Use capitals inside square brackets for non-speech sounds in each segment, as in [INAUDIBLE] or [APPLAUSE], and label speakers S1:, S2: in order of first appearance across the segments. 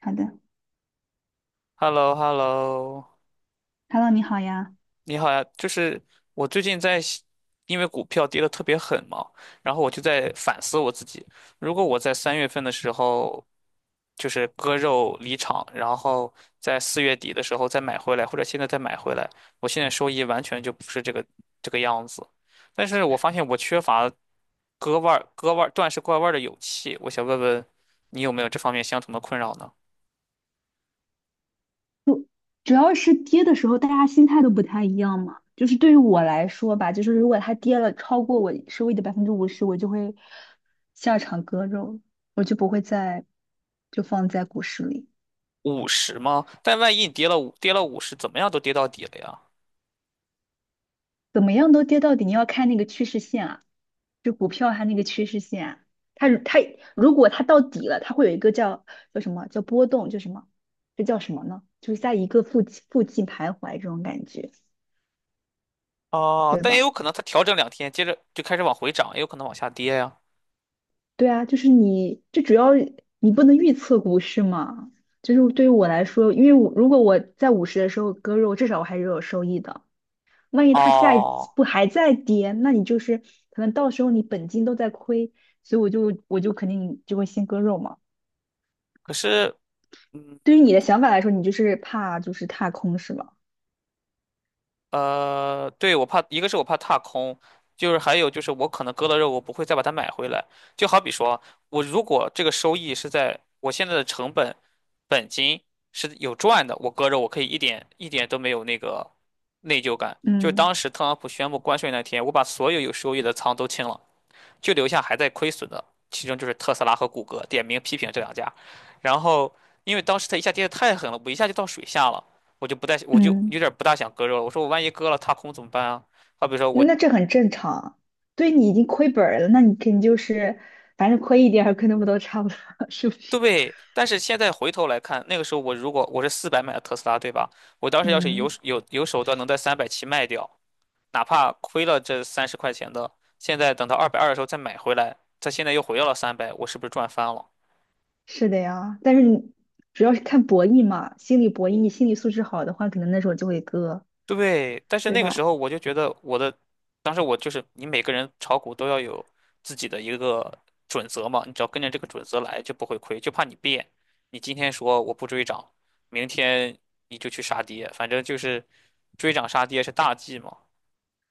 S1: 好的
S2: h e l l o h e l l o
S1: ，Hello，你好呀。
S2: 你好呀。就是我最近在想因为股票跌得特别狠嘛，然后我就在反思我自己，如果我在三月份的时候就是割肉离场，然后在四月底的时候再买回来，或者现在再买回来，我现在收益完全就不是这个样子。但是我发现我缺乏割腕儿的勇气，我想问问你有没有这方面相同的困扰呢？
S1: 主要是跌的时候，大家心态都不太一样嘛。就是对于我来说吧，就是如果它跌了超过我收益的50%，我就会下场割肉，我就不会再就放在股市里。
S2: 五十吗？但万一你跌了五十，怎么样都跌到底了呀？
S1: 怎么样都跌到底，你要看那个趋势线啊，就股票它那个趋势线啊，它如果它到底了，它会有一个叫叫什么叫波动，就什么这叫什么呢？就是在一个附近徘徊这种感觉，
S2: 哦，
S1: 对
S2: 但也有
S1: 吧？
S2: 可能它调整两天，接着就开始往回涨，也有可能往下跌呀。
S1: 对啊，就是你，这主要你不能预测股市嘛。就是对于我来说，因为如果我在五十的时候割肉，至少我还是有收益的。万一它下一
S2: 哦，
S1: 不还在跌，那你就是可能到时候你本金都在亏，所以我就肯定就会先割肉嘛。
S2: 可是，嗯，
S1: 对于你的想法来说，你就是怕就是踏空是吗？
S2: 对，我怕，一个是我怕踏空，就是还有就是我可能割了肉，我不会再把它买回来。就好比说，我如果这个收益是在我现在的成本本金是有赚的，我割肉我可以一点一点都没有那个内疚感。就是
S1: 嗯
S2: 当时特朗普宣布关税那天，我把所有有收益的仓都清了。就留下还在亏损的，其中就是特斯拉和谷歌，点名批评这两家。然后因为当时它一下跌得太狠了，我一下就到水下了，我就不太，我就有
S1: 嗯，
S2: 点不大想割肉了。我说我万一割了踏空怎么办啊？好比说我
S1: 那这很正常啊，对，你已经亏本儿了，那你肯定就是反正亏一点儿亏那么多差不多，[LAUGHS] 是不是？
S2: 对，但是现在回头来看，那个时候如果我是400买的特斯拉，对吧？我当时要是有
S1: 嗯。
S2: 有有手段能在三百七卖掉，哪怕亏了这30块钱的，现在等到220的时候再买回来，它现在又回到了三百，我是不是赚翻了？
S1: 是的呀，但是你主要是看博弈嘛，心理博弈，你心理素质好的话，可能那时候就会割，
S2: 对，但是
S1: 对
S2: 那个时
S1: 吧？
S2: 候我就觉得我的，当时我就是你每个人炒股都要有自己的一个准则嘛，你只要跟着这个准则来就不会亏，就怕你变。你今天说我不追涨，明天你就去杀跌，反正就是追涨杀跌是大忌嘛。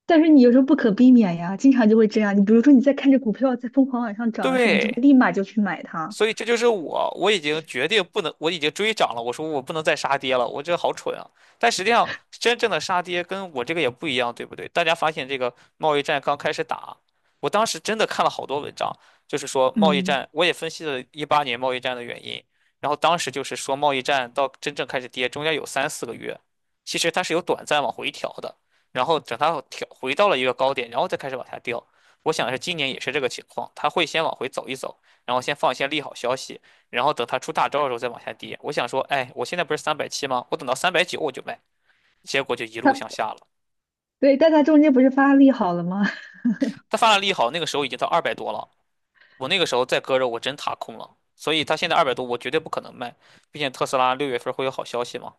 S1: 但是你有时候不可避免呀，经常就会这样。你比如说你在看着股票在疯狂往上涨的时候，你就会
S2: 对，
S1: 立马就去买它，
S2: 所以这就是我，我已经决定不能，我已经追涨了。我说我不能再杀跌了，我这好蠢啊！但实际上，真正的杀跌跟我这个也不一样，对不对？大家发现这个贸易战刚开始打，我当时真的看了好多文章，就是说贸易
S1: 嗯，
S2: 战，我也分析了18年贸易战的原因。然后当时就是说贸易战到真正开始跌，中间有3、4个月，其实它是有短暂往回调的，然后等它调回到了一个高点，然后再开始往下掉。我想是今年也是这个情况，它会先往回走一走。然后先放一些利好消息，然后等它出大招的时候再往下跌。我想说，哎，我现在不是三百七吗？我等到390我就卖，结果就一路
S1: 它
S2: 向下了。
S1: 对,但它中间不是发力好了吗？[LAUGHS]
S2: 它发了利好，那个时候已经到二百多了，我那个时候再割肉，我真踏空了。所以他现在二百多，我绝对不可能卖，毕竟特斯拉六月份会有好消息嘛。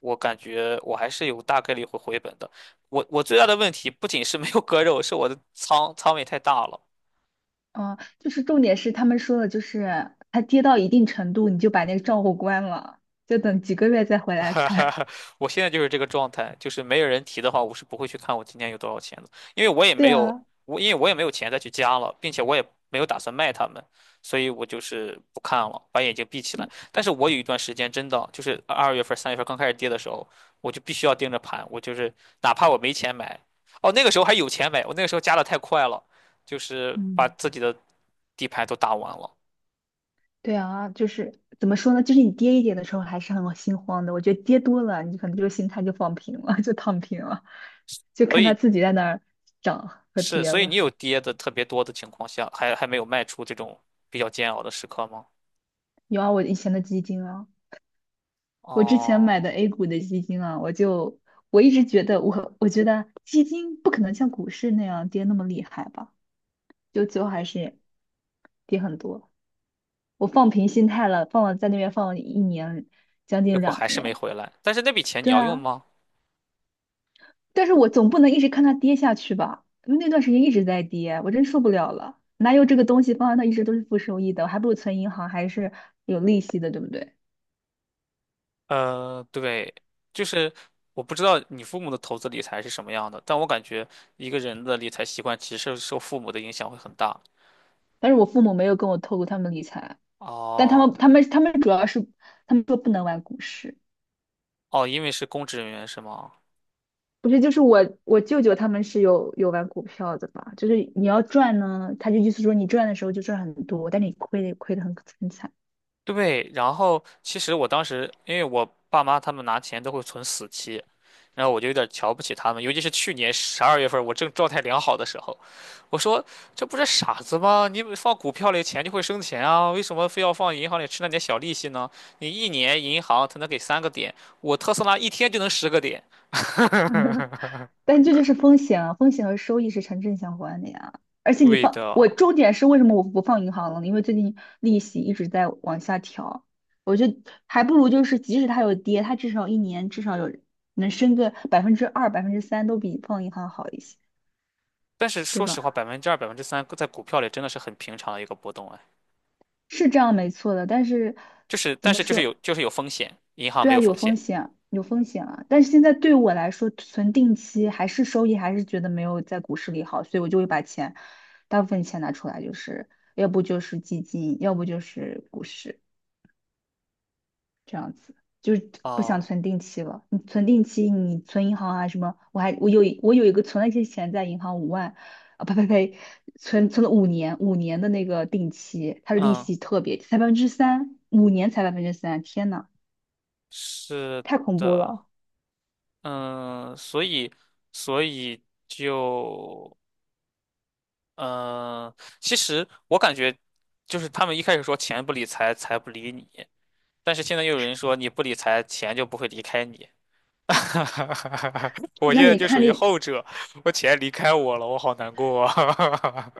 S2: 我感觉我还是有大概率会回本的。我最大的问题不仅是没有割肉，是我的仓位太大了。
S1: 嗯，就是重点是他们说的，就是它跌到一定程度，你就把那个账户关了，就等几个月再回
S2: [LAUGHS]
S1: 来
S2: 哈哈
S1: 看。
S2: 哈，我现在就是这个状态，就是没有人提的话，我是不会去看我今天有多少钱的，因为我也
S1: [LAUGHS] 对
S2: 没有，
S1: 啊，
S2: 因为我也没有钱再去加了，并且我也没有打算卖他们，所以我就是不看了，把眼睛闭起来。
S1: 嗯。
S2: 但是我有一段时间真的就是二月份、三月份刚开始跌的时候，我就必须要盯着盘，我就是哪怕我没钱买，哦，那个时候还有钱买，我那个时候加的太快了，就是把
S1: 嗯，
S2: 自己的底牌都打完了，
S1: 对啊，就是怎么说呢？就是你跌一点的时候还是很心慌的。我觉得跌多了，你可能就心态就放平了，[LAUGHS] 就躺平了，就
S2: 所
S1: 看它
S2: 以
S1: 自己在那儿涨和
S2: 是，
S1: 跌
S2: 所以你
S1: 了。
S2: 有跌的特别多的情况下，还没有卖出这种比较煎熬的时刻吗？
S1: 有啊，我以前的基金啊，我之前买的
S2: 哦，
S1: A 股的基金啊，我一直觉得我觉得基金不可能像股市那样跌那么厉害吧，就最后还是跌很多。我放平心态了，在那边放了一年，将
S2: 结
S1: 近
S2: 果
S1: 两
S2: 还是没
S1: 年。
S2: 回来。但是那笔钱你
S1: 对
S2: 要用
S1: 啊，
S2: 吗？
S1: 但是我总不能一直看它跌下去吧？因为那段时间一直在跌，我真受不了了。哪有这个东西放在那一直都是负收益的？我还不如存银行，还是有利息的，对不对？
S2: 对，就是我不知道你父母的投资理财是什么样的，但我感觉一个人的理财习惯其实受父母的影响会很大。
S1: 但是我父母没有跟我透露他们理财，但他
S2: 哦
S1: 们他们他们主要是他们说不能玩股市，
S2: 哦，因为是公职人员是吗？
S1: 不是就是我舅舅他们是有玩股票的吧？就是你要赚呢，他就意思说你赚的时候就赚很多，但你亏的很惨。
S2: 对，然后其实我当时，因为我爸妈他们拿钱都会存死期，然后我就有点瞧不起他们，尤其是去年十二月份我正状态良好的时候，我说这不是傻子吗？你放股票里钱就会生钱啊，为什么非要放银行里吃那点小利息呢？你一年银行才能给3个点，我特斯拉一天就能10个点。[LAUGHS]
S1: [LAUGHS] 但这就是风险啊，风险和收益是成正相关的呀。而且你
S2: 对
S1: 放，
S2: 的，
S1: 我重点是为什么我不放银行了呢？因为最近利息一直在往下调，我就还不如就是即使它有跌，它至少一年至少有能升个百分之二、百分之三，都比放银行好一些，
S2: 但是
S1: 对
S2: 说实话，
S1: 吧？
S2: 2%、百分之三在股票里真的是很平常的一个波动啊，
S1: 是这样没错的，但是
S2: 就是
S1: 怎
S2: 但
S1: 么
S2: 是就是
S1: 说？
S2: 有就是有风险，银行
S1: 对
S2: 没
S1: 啊，
S2: 有
S1: 有
S2: 风
S1: 风
S2: 险。
S1: 险，有风险啊。但是现在对我来说，存定期还是收益，还是觉得没有在股市里好，所以我就会把钱，大部分钱拿出来，就是要不就是基金，要不就是股市，就是不想
S2: 哦，
S1: 存定期了。你存定期，你存银行啊什么，我有一个存了一些钱在银行5万，啊呸呸呸，存了五年的那个定期，它的利
S2: 嗯，
S1: 息特别才百分之三，五年才百分之三，天呐，
S2: 是
S1: 太恐怖
S2: 的，
S1: 了。
S2: 嗯，所以，所以就，嗯，其实我感觉，就是他们一开始说钱不理财，财不理你，但是现在又有人说你不理财，钱就不会离开你。[LAUGHS] 我
S1: 那
S2: 现在
S1: 你
S2: 就属
S1: 看
S2: 于
S1: 你。
S2: 后者，我钱离开我了，我好难过啊。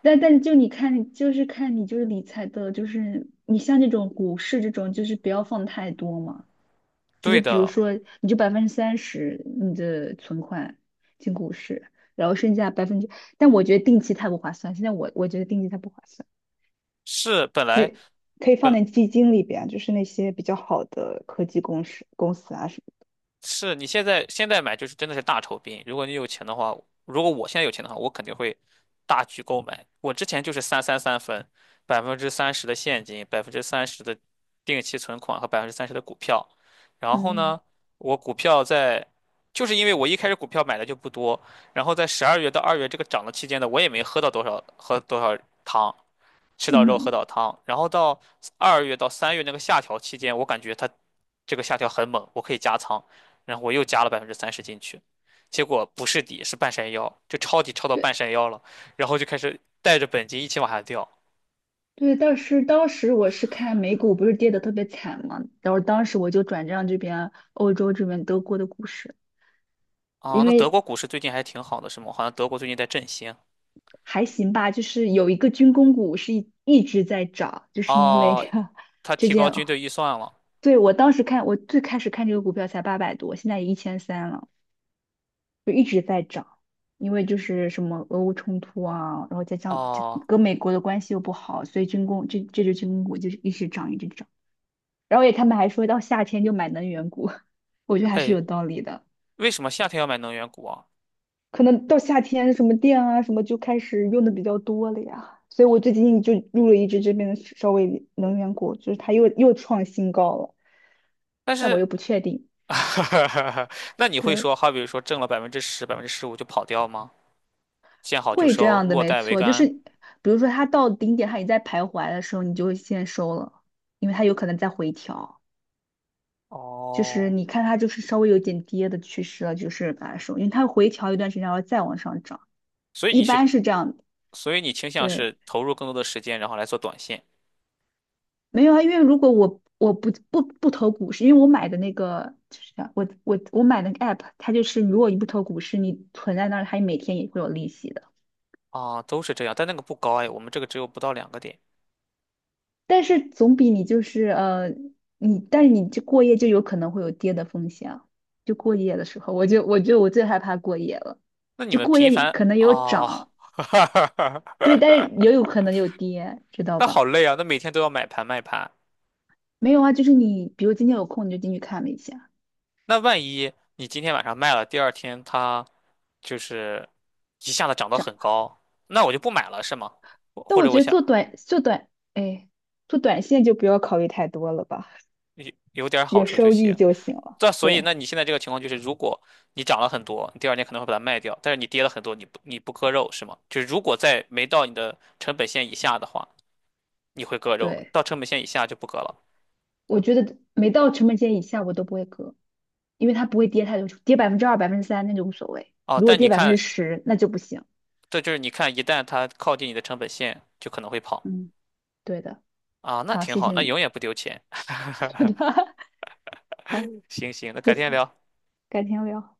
S1: 但但就你看，就是看你就是理财的，就是你像这种股市这种，就是不要放太多嘛。
S2: [LAUGHS]
S1: 就是
S2: 对
S1: 比如
S2: 的，
S1: 说，你就30%你的存款进股市，然后剩下百分之，但我觉得定期太不划算。现在我觉得定期太不划算，
S2: 是本
S1: 可
S2: 来。
S1: 以可以放
S2: 本。
S1: 在基金里边，就是那些比较好的科技公司啊什
S2: 是你现在买就是真的是大酬宾。如果你有钱的话，如果我现在有钱的话，我肯定会大举购买。我之前就是三分，百分之三十的现金，百分之三十的定期存款和百分之三十的股票。然
S1: 么的。
S2: 后呢，
S1: 嗯
S2: 我股票在，就是因为我一开始股票买的就不多，然后在十二月到二月这个涨的期间呢，我也没喝到多少喝多少汤，吃到肉喝
S1: 嗯。
S2: 到汤。然后到二月到三月那个下调期间，我感觉它这个下调很猛，我可以加仓，然后我又加了百分之三十进去，结果不是底是半山腰，就抄底抄到
S1: 对。
S2: 半山腰了，然后就开始带着本金一起往下掉。
S1: 对，但是当时我是看美股不是跌得特别惨嘛，然后当时我就转战这边欧洲这边德国的股市，
S2: 啊。
S1: 因
S2: 那德国
S1: 为
S2: 股市最近还挺好的，是吗？好像德国最近在振兴。
S1: 还行吧，就是有一个军工股是一直在涨，就是因为
S2: 哦，
S1: 这个
S2: 他
S1: 这
S2: 提高
S1: 件，
S2: 军队预算了。
S1: 对，我当时看我最开始看这个股票才800多，现在也1300了，就一直在涨，因为就是什么俄乌冲突啊，然后再加上这
S2: 哦，
S1: 跟美国的关系又不好，所以军工这支军工股就是一直涨一直涨。然后也他们还说到夏天就买能源股，[LAUGHS] 我觉得还是
S2: 哎，
S1: 有道理的。
S2: 为什么夏天要买能源股啊？
S1: 可能到夏天什么电啊什么就开始用的比较多了呀，所以我最近就入了一只这边的稍微能源股，就是它又创新高了，
S2: 但
S1: 但我
S2: 是，
S1: 又不确定。
S2: [LAUGHS] 那你会
S1: 对，
S2: 说，好比说挣了百分之十、15%就跑掉吗？见好就
S1: 会这
S2: 收，
S1: 样的，
S2: 落
S1: 没
S2: 袋为
S1: 错，就是
S2: 安。
S1: 比如说它到顶点，它也在徘徊的时候，你就会先收了，因为它有可能在回调。就是
S2: 哦，
S1: 你看它就是稍微有点跌的趋势了，就是把它收，因为它回调一段时间，然后再往上涨，
S2: 所以
S1: 一
S2: 你是
S1: 般是这样的。
S2: 所以你倾向
S1: 对，
S2: 是投入更多的时间，然后来做短线
S1: 没有啊，因为如果我不投股市，因为我买的那个就是啥我买那个 app,它就是如果你不投股市，你存在那儿，它每天也会有利息的。
S2: 啊，都是这样，但那个不高哎，我们这个只有不到2个点。
S1: 但是总比你就是但是你这过夜就有可能会有跌的风险啊。就过夜的时候，我最害怕过夜了。
S2: 那你
S1: 就
S2: 们
S1: 过
S2: 频
S1: 夜
S2: 繁
S1: 可能有
S2: 哦，
S1: 涨，对，
S2: [LAUGHS]
S1: 但是也有可能有跌，知道
S2: 那好
S1: 吧？
S2: 累啊，那每天都要买盘卖盘，
S1: 没有啊，就是你比如今天有空你就进去看了一下。
S2: 那万一你今天晚上卖了，第二天它就是一下子涨得
S1: 涨。
S2: 很高，那我就不买了是吗？我
S1: 但
S2: 或
S1: 我
S2: 者我
S1: 觉得
S2: 想
S1: 做短做短，哎，做短线就不要考虑太多了吧，
S2: 有点好
S1: 有
S2: 处就
S1: 收益
S2: 行。
S1: 就行了。
S2: 这所以，
S1: 对，
S2: 那你现在这个情况就是，如果你涨了很多，你第二天可能会把它卖掉，但是你跌了很多，你不割肉是吗？就是如果在没到你的成本线以下的话，你会割肉；
S1: 对，
S2: 到成本线以下就不割了。
S1: 我觉得没到成本线以下我都不会割，因为它不会跌太多，跌百分之二、百分之三那就无所谓，
S2: 啊。
S1: 如果
S2: 但你
S1: 跌百分之
S2: 看，
S1: 十那就不行。
S2: 这就是你看，一旦它靠近你的成本线，就可能会跑
S1: 嗯，对的。
S2: 啊，那
S1: 好，
S2: 挺
S1: 谢
S2: 好，
S1: 谢
S2: 那
S1: 你。
S2: 永远不丢钱。
S1: [LAUGHS] 好，
S2: [LAUGHS] 行行，那
S1: 谢
S2: 改
S1: 谢，
S2: 天聊。
S1: 改天聊。